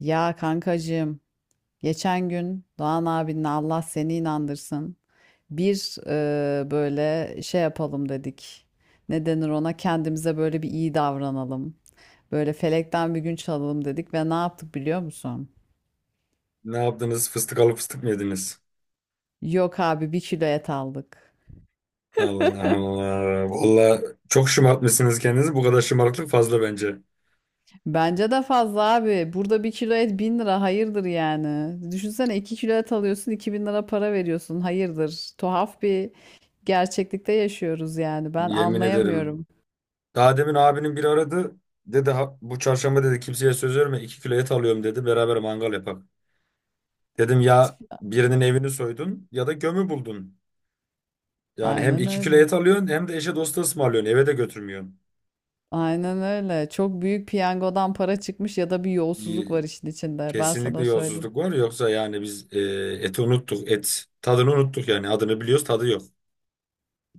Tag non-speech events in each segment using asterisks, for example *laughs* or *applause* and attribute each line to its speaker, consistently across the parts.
Speaker 1: Ya kankacığım, geçen gün Doğan abinle Allah seni inandırsın. Bir böyle şey yapalım dedik. Ne denir ona? Kendimize böyle bir iyi davranalım. Böyle felekten bir gün çalalım dedik ve ne yaptık biliyor musun?
Speaker 2: Ne yaptınız? Fıstık alıp fıstık mı yediniz?
Speaker 1: Yok abi bir kilo et aldık.
Speaker 2: Allah Allah. Valla çok şımartmışsınız kendinizi. Bu kadar şımarıklık fazla bence.
Speaker 1: Bence de fazla abi. Burada bir kilo et bin lira hayırdır yani. Düşünsene 2 kilo et alıyorsun 2.000 lira para veriyorsun hayırdır. Tuhaf bir gerçeklikte yaşıyoruz yani. Ben
Speaker 2: Yemin ederim.
Speaker 1: anlayamıyorum.
Speaker 2: Daha demin abinin biri aradı. Dedi bu çarşamba dedi kimseye söz verme 2 kilo et alıyorum dedi. Beraber mangal yapak. Dedim ya birinin evini soydun ya da gömü buldun. Yani hem
Speaker 1: Aynen
Speaker 2: 2 kilo
Speaker 1: öyle.
Speaker 2: et alıyorsun hem de eşe dosta ısmarlıyorsun. Eve de götürmüyorsun.
Speaker 1: Aynen öyle. Çok büyük piyangodan para çıkmış ya da bir yolsuzluk
Speaker 2: İyi,
Speaker 1: var işin içinde. Ben
Speaker 2: kesinlikle
Speaker 1: sana söyleyeyim.
Speaker 2: yolsuzluk var. Yoksa yani biz eti unuttuk. Et tadını unuttuk yani. Adını biliyoruz tadı yok.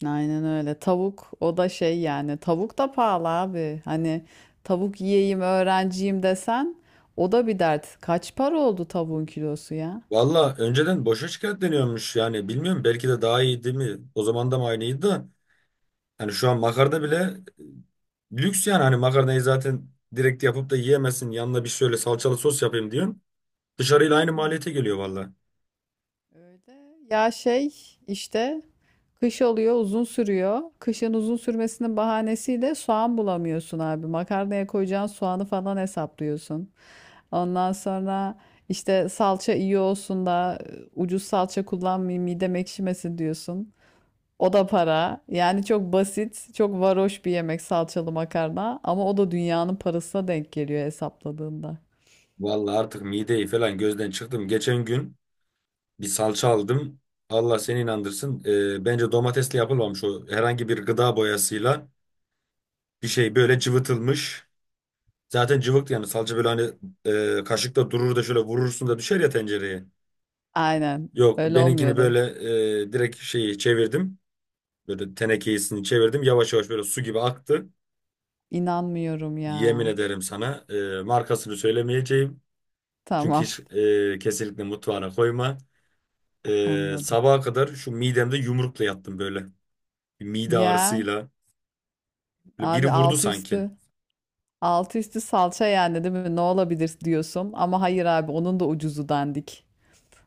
Speaker 1: Aynen öyle. Tavuk o da şey yani. Tavuk da pahalı abi. Hani tavuk yiyeyim öğrenciyim desen o da bir dert. Kaç para oldu tavuğun kilosu ya?
Speaker 2: Valla önceden boşa şikayetleniyormuş yani bilmiyorum belki de daha iyiydi mi? O zaman da mı aynıydı da hani şu an makarna bile lüks yani hani makarnayı zaten direkt yapıp da yiyemezsin yanına bir şöyle salçalı sos yapayım diyorsun. Dışarıyla aynı maliyete geliyor valla.
Speaker 1: Öyle. Ya şey işte kış oluyor uzun sürüyor. Kışın uzun sürmesinin bahanesiyle soğan bulamıyorsun abi. Makarnaya koyacağın soğanı falan hesaplıyorsun. Ondan sonra işte salça iyi olsun da ucuz salça kullanmayayım midem ekşimesin diyorsun. O da para. Yani çok basit, çok varoş bir yemek salçalı makarna ama o da dünyanın parasına denk geliyor hesapladığında.
Speaker 2: Valla artık mideyi falan gözden çıktım. Geçen gün bir salça aldım. Allah seni inandırsın. Bence domatesle yapılmamış o herhangi bir gıda boyasıyla bir şey böyle cıvıtılmış. Zaten cıvıktı yani
Speaker 1: *laughs*
Speaker 2: salça böyle hani kaşıkta durur da şöyle vurursun da düşer ya tencereye.
Speaker 1: Aynen.
Speaker 2: Yok
Speaker 1: Öyle
Speaker 2: benimkini
Speaker 1: olmuyordu.
Speaker 2: böyle direkt şeyi çevirdim. Böyle tenekesini çevirdim. Yavaş yavaş böyle su gibi aktı.
Speaker 1: İnanmıyorum
Speaker 2: Yemin
Speaker 1: ya.
Speaker 2: ederim sana markasını söylemeyeceğim. Çünkü
Speaker 1: Tamam.
Speaker 2: hiç kesinlikle mutfağına koyma.
Speaker 1: *laughs* Anladım.
Speaker 2: Sabaha kadar şu midemde yumrukla yattım böyle. Bir mide
Speaker 1: Ya
Speaker 2: ağrısıyla. Böyle biri
Speaker 1: abi
Speaker 2: vurdu
Speaker 1: altı
Speaker 2: sanki.
Speaker 1: üstü altı üstü salça yani değil mi? Ne olabilir diyorsun? Ama hayır abi onun da ucuzu dandik.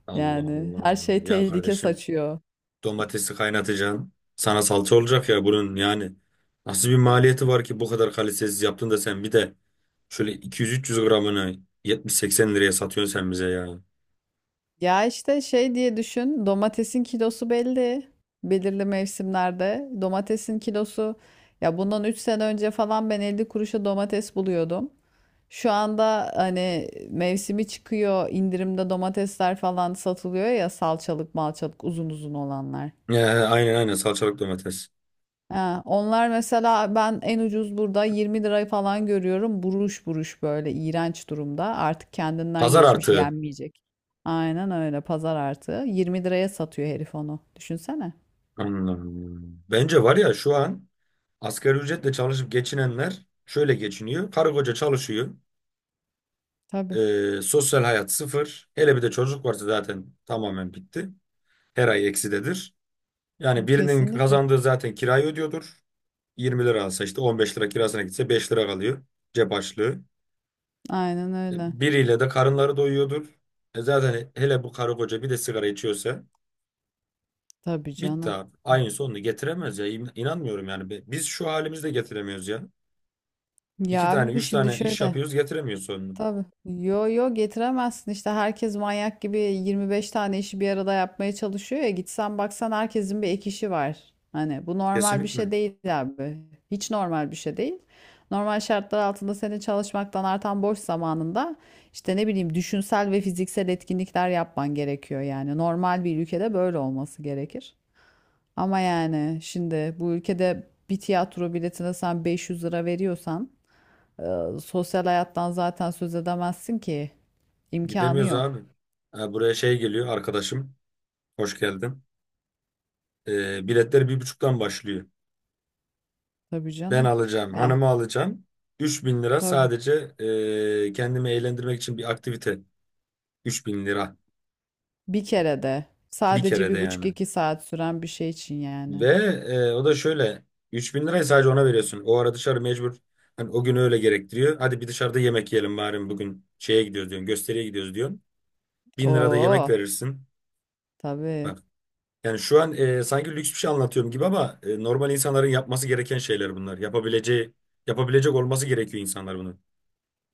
Speaker 2: Allah
Speaker 1: Yani
Speaker 2: Allah.
Speaker 1: her şey
Speaker 2: Ya
Speaker 1: tehlike
Speaker 2: kardeşim,
Speaker 1: saçıyor.
Speaker 2: domatesi kaynatacaksın. Sana salça olacak ya bunun yani. Nasıl bir maliyeti var ki bu kadar kalitesiz yaptın da sen bir de şöyle 200-300 gramını 70-80 liraya satıyorsun sen bize ya.
Speaker 1: Ya işte şey diye düşün, domatesin kilosu belli. Belirli mevsimlerde domatesin kilosu ya bundan 3 sene önce falan ben 50 kuruşa domates buluyordum. Şu anda hani mevsimi çıkıyor, indirimde domatesler falan satılıyor ya salçalık, malçalık uzun uzun olanlar.
Speaker 2: Ya, aynen aynen salçalık domates.
Speaker 1: Ha, onlar mesela ben en ucuz burada 20 lirayı falan görüyorum. Buruş buruş böyle iğrenç durumda. Artık kendinden
Speaker 2: Pazar
Speaker 1: geçmiş
Speaker 2: artığı.
Speaker 1: yenmeyecek. Aynen öyle pazar artığı. 20 liraya satıyor herif onu. Düşünsene.
Speaker 2: Anladım. Bence var ya şu an asgari ücretle çalışıp geçinenler şöyle geçiniyor. Karı koca çalışıyor.
Speaker 1: Tabii
Speaker 2: Sosyal hayat sıfır. Hele bir de çocuk varsa zaten tamamen bitti. Her ay eksidedir. Yani birinin
Speaker 1: kesinlikle.
Speaker 2: kazandığı zaten kirayı ödüyordur. 20 lira alsa işte 15 lira kirasına gitse 5 lira kalıyor cep açlığı.
Speaker 1: Aynen öyle.
Speaker 2: Biriyle de karınları doyuyordur. Zaten hele bu karı koca bir de sigara içiyorsa
Speaker 1: Tabii
Speaker 2: bitti
Speaker 1: canım.
Speaker 2: abi. Aynı sonunu getiremez ya. İnanmıyorum yani. Biz şu halimizde getiremiyoruz ya. İki
Speaker 1: Ya
Speaker 2: tane,
Speaker 1: abi
Speaker 2: üç
Speaker 1: şimdi
Speaker 2: tane iş
Speaker 1: şöyle.
Speaker 2: yapıyoruz getiremiyoruz sonunu.
Speaker 1: Tabii. Yo yo getiremezsin işte herkes manyak gibi 25 tane işi bir arada yapmaya çalışıyor ya gitsen baksan herkesin bir ek işi var. Hani bu normal bir
Speaker 2: Kesinlikle.
Speaker 1: şey değil abi. Hiç normal bir şey değil. Normal şartlar altında senin çalışmaktan artan boş zamanında işte ne bileyim düşünsel ve fiziksel etkinlikler yapman gerekiyor yani. Normal bir ülkede böyle olması gerekir. Ama yani şimdi bu ülkede bir tiyatro biletine sen 500 lira veriyorsan sosyal hayattan zaten söz edemezsin ki. İmkanı
Speaker 2: Gidemiyoruz
Speaker 1: yok.
Speaker 2: abi. Ha, buraya şey geliyor arkadaşım. Hoş geldin. Biletler bir buçuktan başlıyor.
Speaker 1: Tabii
Speaker 2: Ben
Speaker 1: canım.
Speaker 2: alacağım,
Speaker 1: Ya
Speaker 2: hanımı alacağım. 3.000 lira
Speaker 1: tabii.
Speaker 2: sadece kendimi eğlendirmek için bir aktivite. 3.000 lira
Speaker 1: Bir kere de
Speaker 2: bir
Speaker 1: sadece
Speaker 2: kerede
Speaker 1: bir buçuk
Speaker 2: yani.
Speaker 1: iki saat süren bir şey için
Speaker 2: Ve
Speaker 1: yani.
Speaker 2: o da şöyle 3.000 lirayı sadece ona veriyorsun. O ara dışarı mecbur hani o gün öyle gerektiriyor. Hadi bir dışarıda yemek yiyelim bari bugün şeye gidiyoruz diyorsun. Gösteriye gidiyoruz diyorsun. 1.000 lirada yemek
Speaker 1: Oo
Speaker 2: verirsin.
Speaker 1: tabii.
Speaker 2: Bak yani şu an sanki lüks bir şey anlatıyorum gibi ama normal insanların yapması gereken şeyler bunlar. Yapabileceği yapabilecek olması gerekiyor insanlar bunu.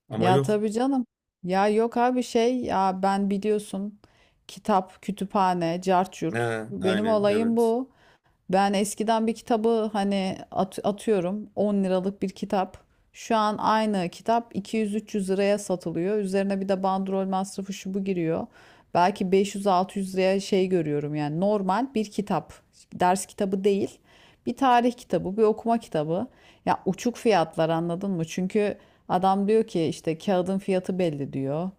Speaker 2: Ama
Speaker 1: Ya
Speaker 2: yok.
Speaker 1: tabii canım. Ya yok abi şey ya ben biliyorsun kitap, kütüphane, cart curt.
Speaker 2: He,
Speaker 1: Benim
Speaker 2: aynen
Speaker 1: olayım
Speaker 2: evet.
Speaker 1: bu. Ben eskiden bir kitabı hani atıyorum 10 liralık bir kitap. Şu an aynı kitap 200-300 liraya satılıyor. Üzerine bir de bandrol masrafı şu bu giriyor. Belki 500-600 liraya şey görüyorum yani normal bir kitap. Ders kitabı değil. Bir tarih kitabı, bir okuma kitabı. Ya uçuk fiyatlar anladın mı? Çünkü adam diyor ki işte kağıdın fiyatı belli diyor.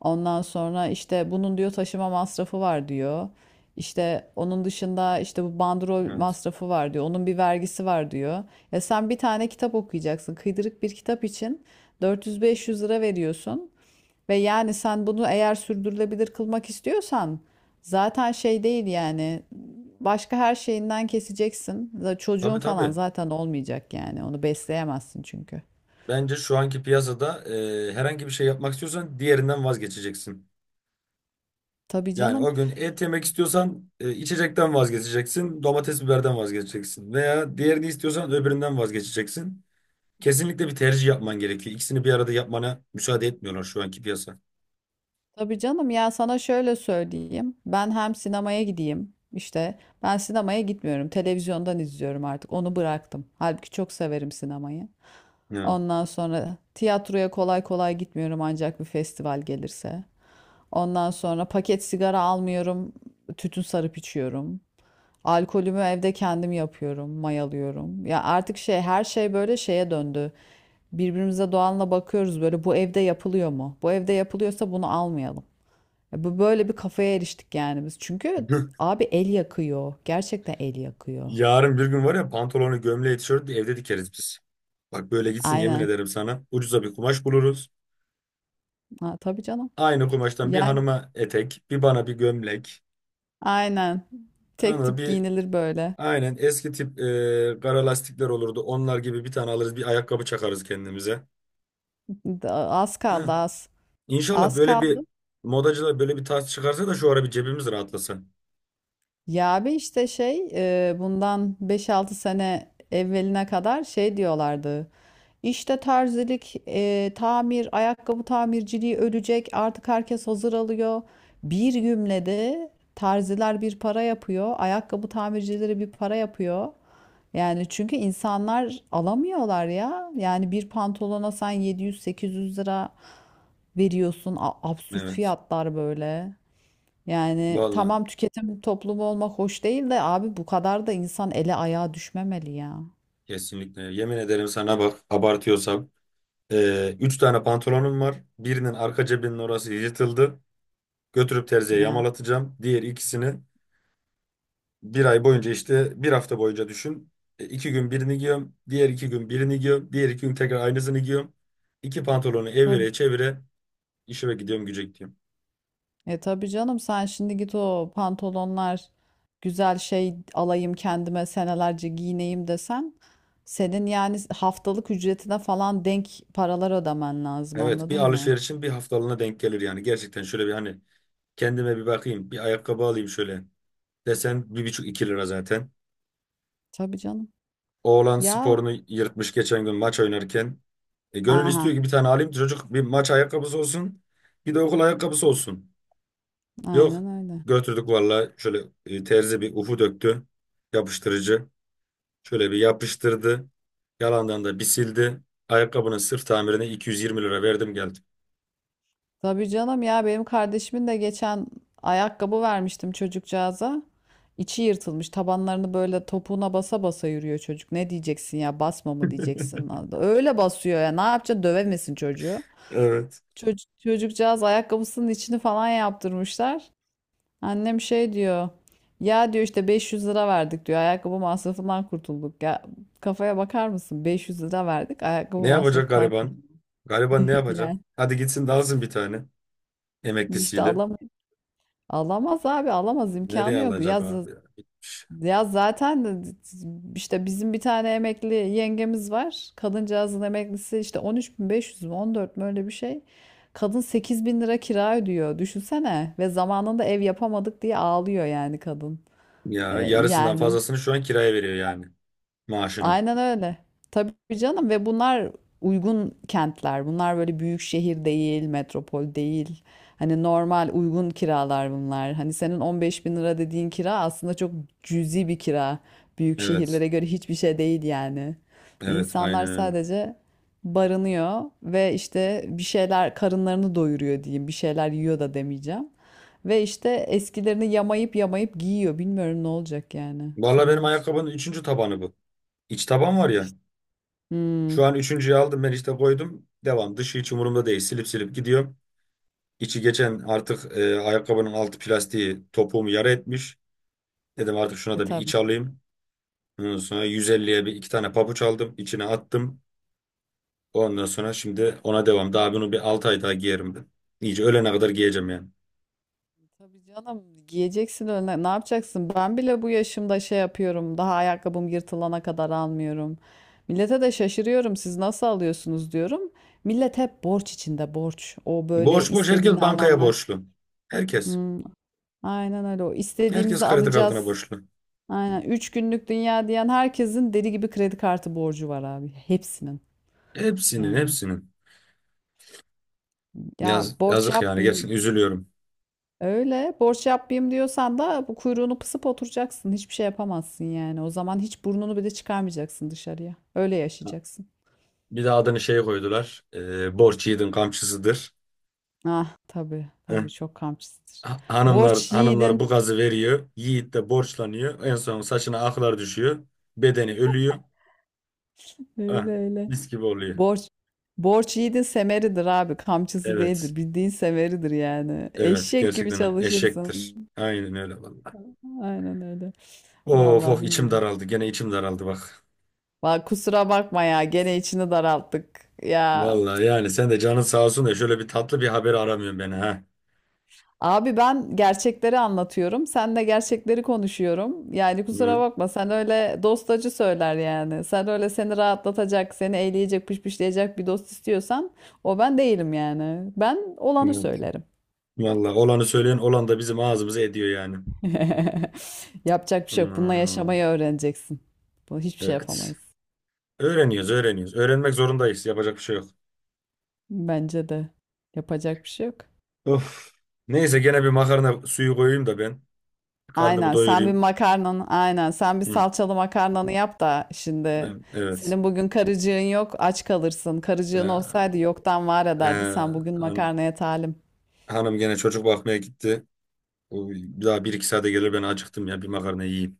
Speaker 1: Ondan sonra işte bunun diyor taşıma masrafı var diyor. İşte onun dışında işte bu bandrol
Speaker 2: Evet.
Speaker 1: masrafı var diyor. Onun bir vergisi var diyor. Ya sen bir tane kitap okuyacaksın. Kıydırık bir kitap için 400-500 lira veriyorsun. Ve yani sen bunu eğer sürdürülebilir kılmak istiyorsan zaten şey değil yani. Başka her şeyinden keseceksin. Çocuğun
Speaker 2: Tabii
Speaker 1: falan
Speaker 2: tabii.
Speaker 1: zaten olmayacak yani. Onu besleyemezsin çünkü.
Speaker 2: Bence şu anki piyasada herhangi bir şey yapmak istiyorsan diğerinden vazgeçeceksin.
Speaker 1: Tabii
Speaker 2: Yani
Speaker 1: canım.
Speaker 2: o gün et yemek istiyorsan içecekten vazgeçeceksin, domates biberden vazgeçeceksin veya diğerini istiyorsan öbüründen vazgeçeceksin. Kesinlikle bir tercih yapman gerekiyor. İkisini bir arada yapmana müsaade etmiyorlar şu anki piyasa.
Speaker 1: Tabii canım ya sana şöyle söyleyeyim. Ben hem sinemaya gideyim. İşte ben sinemaya gitmiyorum. Televizyondan izliyorum artık. Onu bıraktım. Halbuki çok severim sinemayı.
Speaker 2: Ya.
Speaker 1: Ondan sonra tiyatroya kolay kolay gitmiyorum ancak bir festival gelirse. Ondan sonra paket sigara almıyorum. Tütün sarıp içiyorum. Alkolümü evde kendim yapıyorum, mayalıyorum. Ya artık şey her şey böyle şeye döndü. Birbirimize doğanla bakıyoruz böyle bu evde yapılıyor mu? Bu evde yapılıyorsa bunu almayalım. Ya bu böyle bir kafaya eriştik yani biz. Çünkü
Speaker 2: *laughs*
Speaker 1: abi el yakıyor. Gerçekten el yakıyor.
Speaker 2: Yarın bir gün var ya pantolonu, gömleği, tişörtü evde dikeriz biz. Bak böyle gitsin yemin
Speaker 1: Aynen.
Speaker 2: ederim sana. Ucuza bir kumaş buluruz.
Speaker 1: Ha, tabii canım.
Speaker 2: Aynı kumaştan bir
Speaker 1: Yani
Speaker 2: hanıma etek, bir bana bir gömlek.
Speaker 1: aynen.
Speaker 2: Anladın
Speaker 1: Tek
Speaker 2: mı?
Speaker 1: tip
Speaker 2: Bir
Speaker 1: giyinilir böyle.
Speaker 2: aynen eski tip kara lastikler olurdu. Onlar gibi bir tane alırız, bir ayakkabı çakarız kendimize.
Speaker 1: Az kaldı
Speaker 2: *laughs*
Speaker 1: az.
Speaker 2: İnşallah
Speaker 1: Az
Speaker 2: böyle
Speaker 1: kaldı.
Speaker 2: bir modacılar böyle bir tarz çıkarsa da şu ara bir cebimiz rahatlasa.
Speaker 1: Ya abi işte şey bundan beş altı sene evveline kadar şey diyorlardı. İşte terzilik, tamir, ayakkabı tamirciliği ölecek. Artık herkes hazır alıyor. Bir gümlede terziler bir para yapıyor. Ayakkabı tamircileri bir para yapıyor. Yani çünkü insanlar alamıyorlar ya. Yani bir pantolona sen 700-800 lira veriyorsun. Absürt
Speaker 2: Evet.
Speaker 1: fiyatlar böyle. Yani
Speaker 2: Vallahi
Speaker 1: tamam tüketim toplumu olmak hoş değil de abi bu kadar da insan ele ayağa düşmemeli ya.
Speaker 2: kesinlikle. Yemin ederim sana bak abartıyorsam. Üç tane pantolonum var. Birinin arka cebinin orası yırtıldı. Götürüp terziye
Speaker 1: Ya.
Speaker 2: yamalatacağım. Diğer ikisini bir ay boyunca işte bir hafta boyunca düşün. İki gün birini giyiyorum. Diğer iki gün birini giyiyorum. Diğer iki gün tekrar aynısını giyiyorum. İki pantolonu
Speaker 1: Tabii.
Speaker 2: evire çevire işime gidiyorum gücek diyorum.
Speaker 1: E tabii canım sen şimdi git o pantolonlar güzel şey alayım kendime senelerce giyineyim desen senin yani haftalık ücretine falan denk paralar ödemen lazım
Speaker 2: Evet bir
Speaker 1: anladın mı?
Speaker 2: alışverişin bir haftalığına denk gelir yani. Gerçekten şöyle bir hani kendime bir bakayım. Bir ayakkabı alayım şöyle. Desen bir buçuk iki lira zaten.
Speaker 1: Tabii canım.
Speaker 2: Oğlan
Speaker 1: Ya
Speaker 2: sporunu yırtmış geçen gün maç oynarken. Gönül
Speaker 1: aha
Speaker 2: istiyor ki bir tane alayım ki çocuk bir maç ayakkabısı olsun. Bir de okul ayakkabısı olsun. Yok.
Speaker 1: aynen öyle.
Speaker 2: Götürdük valla şöyle terzi bir ufu döktü. Yapıştırıcı. Şöyle bir yapıştırdı. Yalandan da bir sildi. Ayakkabının sırf tamirine 220 lira verdim geldim.
Speaker 1: Tabii canım ya benim kardeşimin de geçen ayakkabı vermiştim çocukcağıza. İçi yırtılmış tabanlarını böyle topuğuna basa basa yürüyor çocuk. Ne diyeceksin ya basma mı diyeceksin.
Speaker 2: *laughs*
Speaker 1: Öyle basıyor ya ne yapacaksın dövemesin çocuğu.
Speaker 2: Evet.
Speaker 1: Çocuk, çocukcağız ayakkabısının içini falan yaptırmışlar. Annem şey diyor. Ya diyor işte 500 lira verdik diyor. Ayakkabı masrafından kurtulduk. Ya kafaya bakar mısın? 500 lira verdik. Ayakkabı
Speaker 2: Ne yapacak
Speaker 1: masrafından
Speaker 2: gariban?
Speaker 1: kurtulduk.
Speaker 2: Gariban ne
Speaker 1: *laughs*
Speaker 2: yapacak?
Speaker 1: Yani
Speaker 2: Hadi gitsin de alsın bir tane
Speaker 1: işte
Speaker 2: emeklisiyle.
Speaker 1: alamaz. Alamaz abi alamaz
Speaker 2: Nereye
Speaker 1: imkanı yok.
Speaker 2: alacak abi ya?
Speaker 1: Ya zaten işte bizim bir tane emekli yengemiz var. Kadıncağızın emeklisi işte 13.500 mü 14 mü öyle bir şey. Kadın 8.000 lira kira ödüyor. Düşünsene. Ve zamanında ev yapamadık diye ağlıyor yani kadın. E,
Speaker 2: Ya yarısından
Speaker 1: yani
Speaker 2: fazlasını şu an kiraya veriyor yani maaşının.
Speaker 1: Aynen öyle. Tabii canım ve bunlar uygun kentler. Bunlar böyle büyük şehir değil, metropol değil. Hani normal uygun kiralar bunlar. Hani senin 15 bin lira dediğin kira aslında çok cüzi bir kira. Büyük
Speaker 2: Evet.
Speaker 1: şehirlere göre hiçbir şey değil yani. Ve
Speaker 2: Evet
Speaker 1: İnsanlar
Speaker 2: aynen öyle.
Speaker 1: sadece barınıyor ve işte bir şeyler karınlarını doyuruyor diyeyim. Bir şeyler yiyor da demeyeceğim. Ve işte eskilerini yamayıp yamayıp giyiyor. Bilmiyorum ne olacak yani
Speaker 2: Valla benim
Speaker 1: sonumuz.
Speaker 2: ayakkabının üçüncü tabanı bu. İç taban var ya. Şu
Speaker 1: Hmm.
Speaker 2: an üçüncüyü aldım ben işte koydum. Devam. Dışı hiç umurumda değil. Silip silip gidiyorum. İçi geçen artık ayakkabının altı plastiği topuğumu yara etmiş. Dedim artık şuna
Speaker 1: E
Speaker 2: da bir
Speaker 1: tabii.
Speaker 2: iç alayım. Ondan sonra 150'ye bir iki tane pabuç aldım. İçine attım. Ondan sonra şimdi ona devam. Daha bunu bir 6 ay daha giyerim ben. İyice ölene kadar giyeceğim yani.
Speaker 1: Tabii canım giyeceksin önüne. Ne yapacaksın? Ben bile bu yaşımda şey yapıyorum. Daha ayakkabım yırtılana kadar almıyorum. Millete de şaşırıyorum. Siz nasıl alıyorsunuz diyorum. Millet hep borç içinde borç. O böyle
Speaker 2: Borç borç herkes
Speaker 1: istediğini
Speaker 2: bankaya
Speaker 1: alanlar.
Speaker 2: borçlu. Herkes.
Speaker 1: Hmm, aynen öyle. O
Speaker 2: Herkes
Speaker 1: istediğimizi
Speaker 2: kredi kartına
Speaker 1: alacağız.
Speaker 2: borçlu.
Speaker 1: Aynen. Üç günlük dünya diyen herkesin deli gibi kredi kartı borcu var abi. Hepsinin.
Speaker 2: Hepsinin
Speaker 1: Yani
Speaker 2: hepsinin.
Speaker 1: ya
Speaker 2: Yaz,
Speaker 1: borç
Speaker 2: yazık yani gerçekten
Speaker 1: yapmayayım.
Speaker 2: üzülüyorum.
Speaker 1: Öyle borç yapayım diyorsan da bu kuyruğunu pısıp oturacaksın. Hiçbir şey yapamazsın yani. O zaman hiç burnunu bile çıkarmayacaksın dışarıya. Öyle yaşayacaksın.
Speaker 2: Bir de adını şey koydular. Borç yiğidin kamçısıdır.
Speaker 1: Ah tabii
Speaker 2: Eh,
Speaker 1: tabii çok kamçısıdır.
Speaker 2: Hanımlar
Speaker 1: Borç
Speaker 2: hanımlar
Speaker 1: yiğidin.
Speaker 2: bu gazı veriyor. Yiğit de borçlanıyor. En son saçına aklar düşüyor. Bedeni ölüyor. Ah,
Speaker 1: Öyle öyle.
Speaker 2: mis gibi oluyor.
Speaker 1: Borç, borç yiğidin semeridir abi. Kamçısı
Speaker 2: Evet.
Speaker 1: değildir. Bildiğin semeridir yani.
Speaker 2: Evet
Speaker 1: Eşek gibi
Speaker 2: gerçekten eşektir.
Speaker 1: çalışırsın.
Speaker 2: Aynen öyle vallahi.
Speaker 1: Aynen öyle.
Speaker 2: Of
Speaker 1: Vallahi
Speaker 2: of içim
Speaker 1: bilmiyorum.
Speaker 2: daraldı. Gene içim daraldı bak.
Speaker 1: Bak kusura bakma ya gene içini daralttık. Ya
Speaker 2: Vallahi yani sen de canın sağ olsun da şöyle bir tatlı bir haber aramıyorsun beni ha.
Speaker 1: abi ben gerçekleri anlatıyorum. Sen de gerçekleri konuşuyorum. Yani kusura
Speaker 2: Hı,
Speaker 1: bakma sen öyle dostacı söyler yani. Sen öyle seni rahatlatacak, seni eğleyecek, pışpışlayacak bir dost istiyorsan o ben değilim yani. Ben olanı
Speaker 2: hı.
Speaker 1: söylerim.
Speaker 2: Vallahi olanı söyleyen olan da bizim ağzımızı ediyor yani.
Speaker 1: *laughs* Yapacak bir şey yok. Bununla
Speaker 2: Hmm,
Speaker 1: yaşamayı öğreneceksin. Bu hiçbir şey
Speaker 2: evet.
Speaker 1: yapamayız.
Speaker 2: Öğreniyoruz, öğreniyoruz. Öğrenmek zorundayız. Yapacak bir şey yok.
Speaker 1: Bence de yapacak bir şey yok.
Speaker 2: Of. Neyse gene bir makarna suyu koyayım da ben karnımı
Speaker 1: Aynen sen bir
Speaker 2: doyurayım.
Speaker 1: makarnanı aynen sen bir
Speaker 2: Hı,
Speaker 1: salçalı makarnanı yap da şimdi
Speaker 2: ben, evet.
Speaker 1: senin bugün karıcığın yok aç kalırsın. Karıcığın olsaydı
Speaker 2: Ee,
Speaker 1: yoktan var
Speaker 2: e,
Speaker 1: ederdi. Sen bugün
Speaker 2: Hanım,
Speaker 1: makarnaya talim.
Speaker 2: hanım gene çocuk bakmaya gitti. O bir daha bir iki saate gelir ben acıktım ya bir makarna yiyeyim.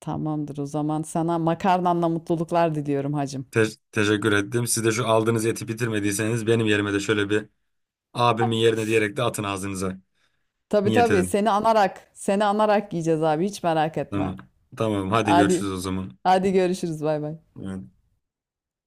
Speaker 1: Tamamdır o zaman sana makarnanla mutluluklar diliyorum hacım.
Speaker 2: Teşekkür ettim. Siz de şu aldığınız eti bitirmediyseniz benim yerime de şöyle bir abimin yerine diyerek de atın ağzınıza.
Speaker 1: Tabii
Speaker 2: Niyet
Speaker 1: tabii
Speaker 2: edin.
Speaker 1: seni anarak seni anarak yiyeceğiz abi hiç merak
Speaker 2: Tamam.
Speaker 1: etme.
Speaker 2: Tamam hadi
Speaker 1: Hadi
Speaker 2: görüşürüz o zaman.
Speaker 1: hadi görüşürüz bay bay.
Speaker 2: Evet.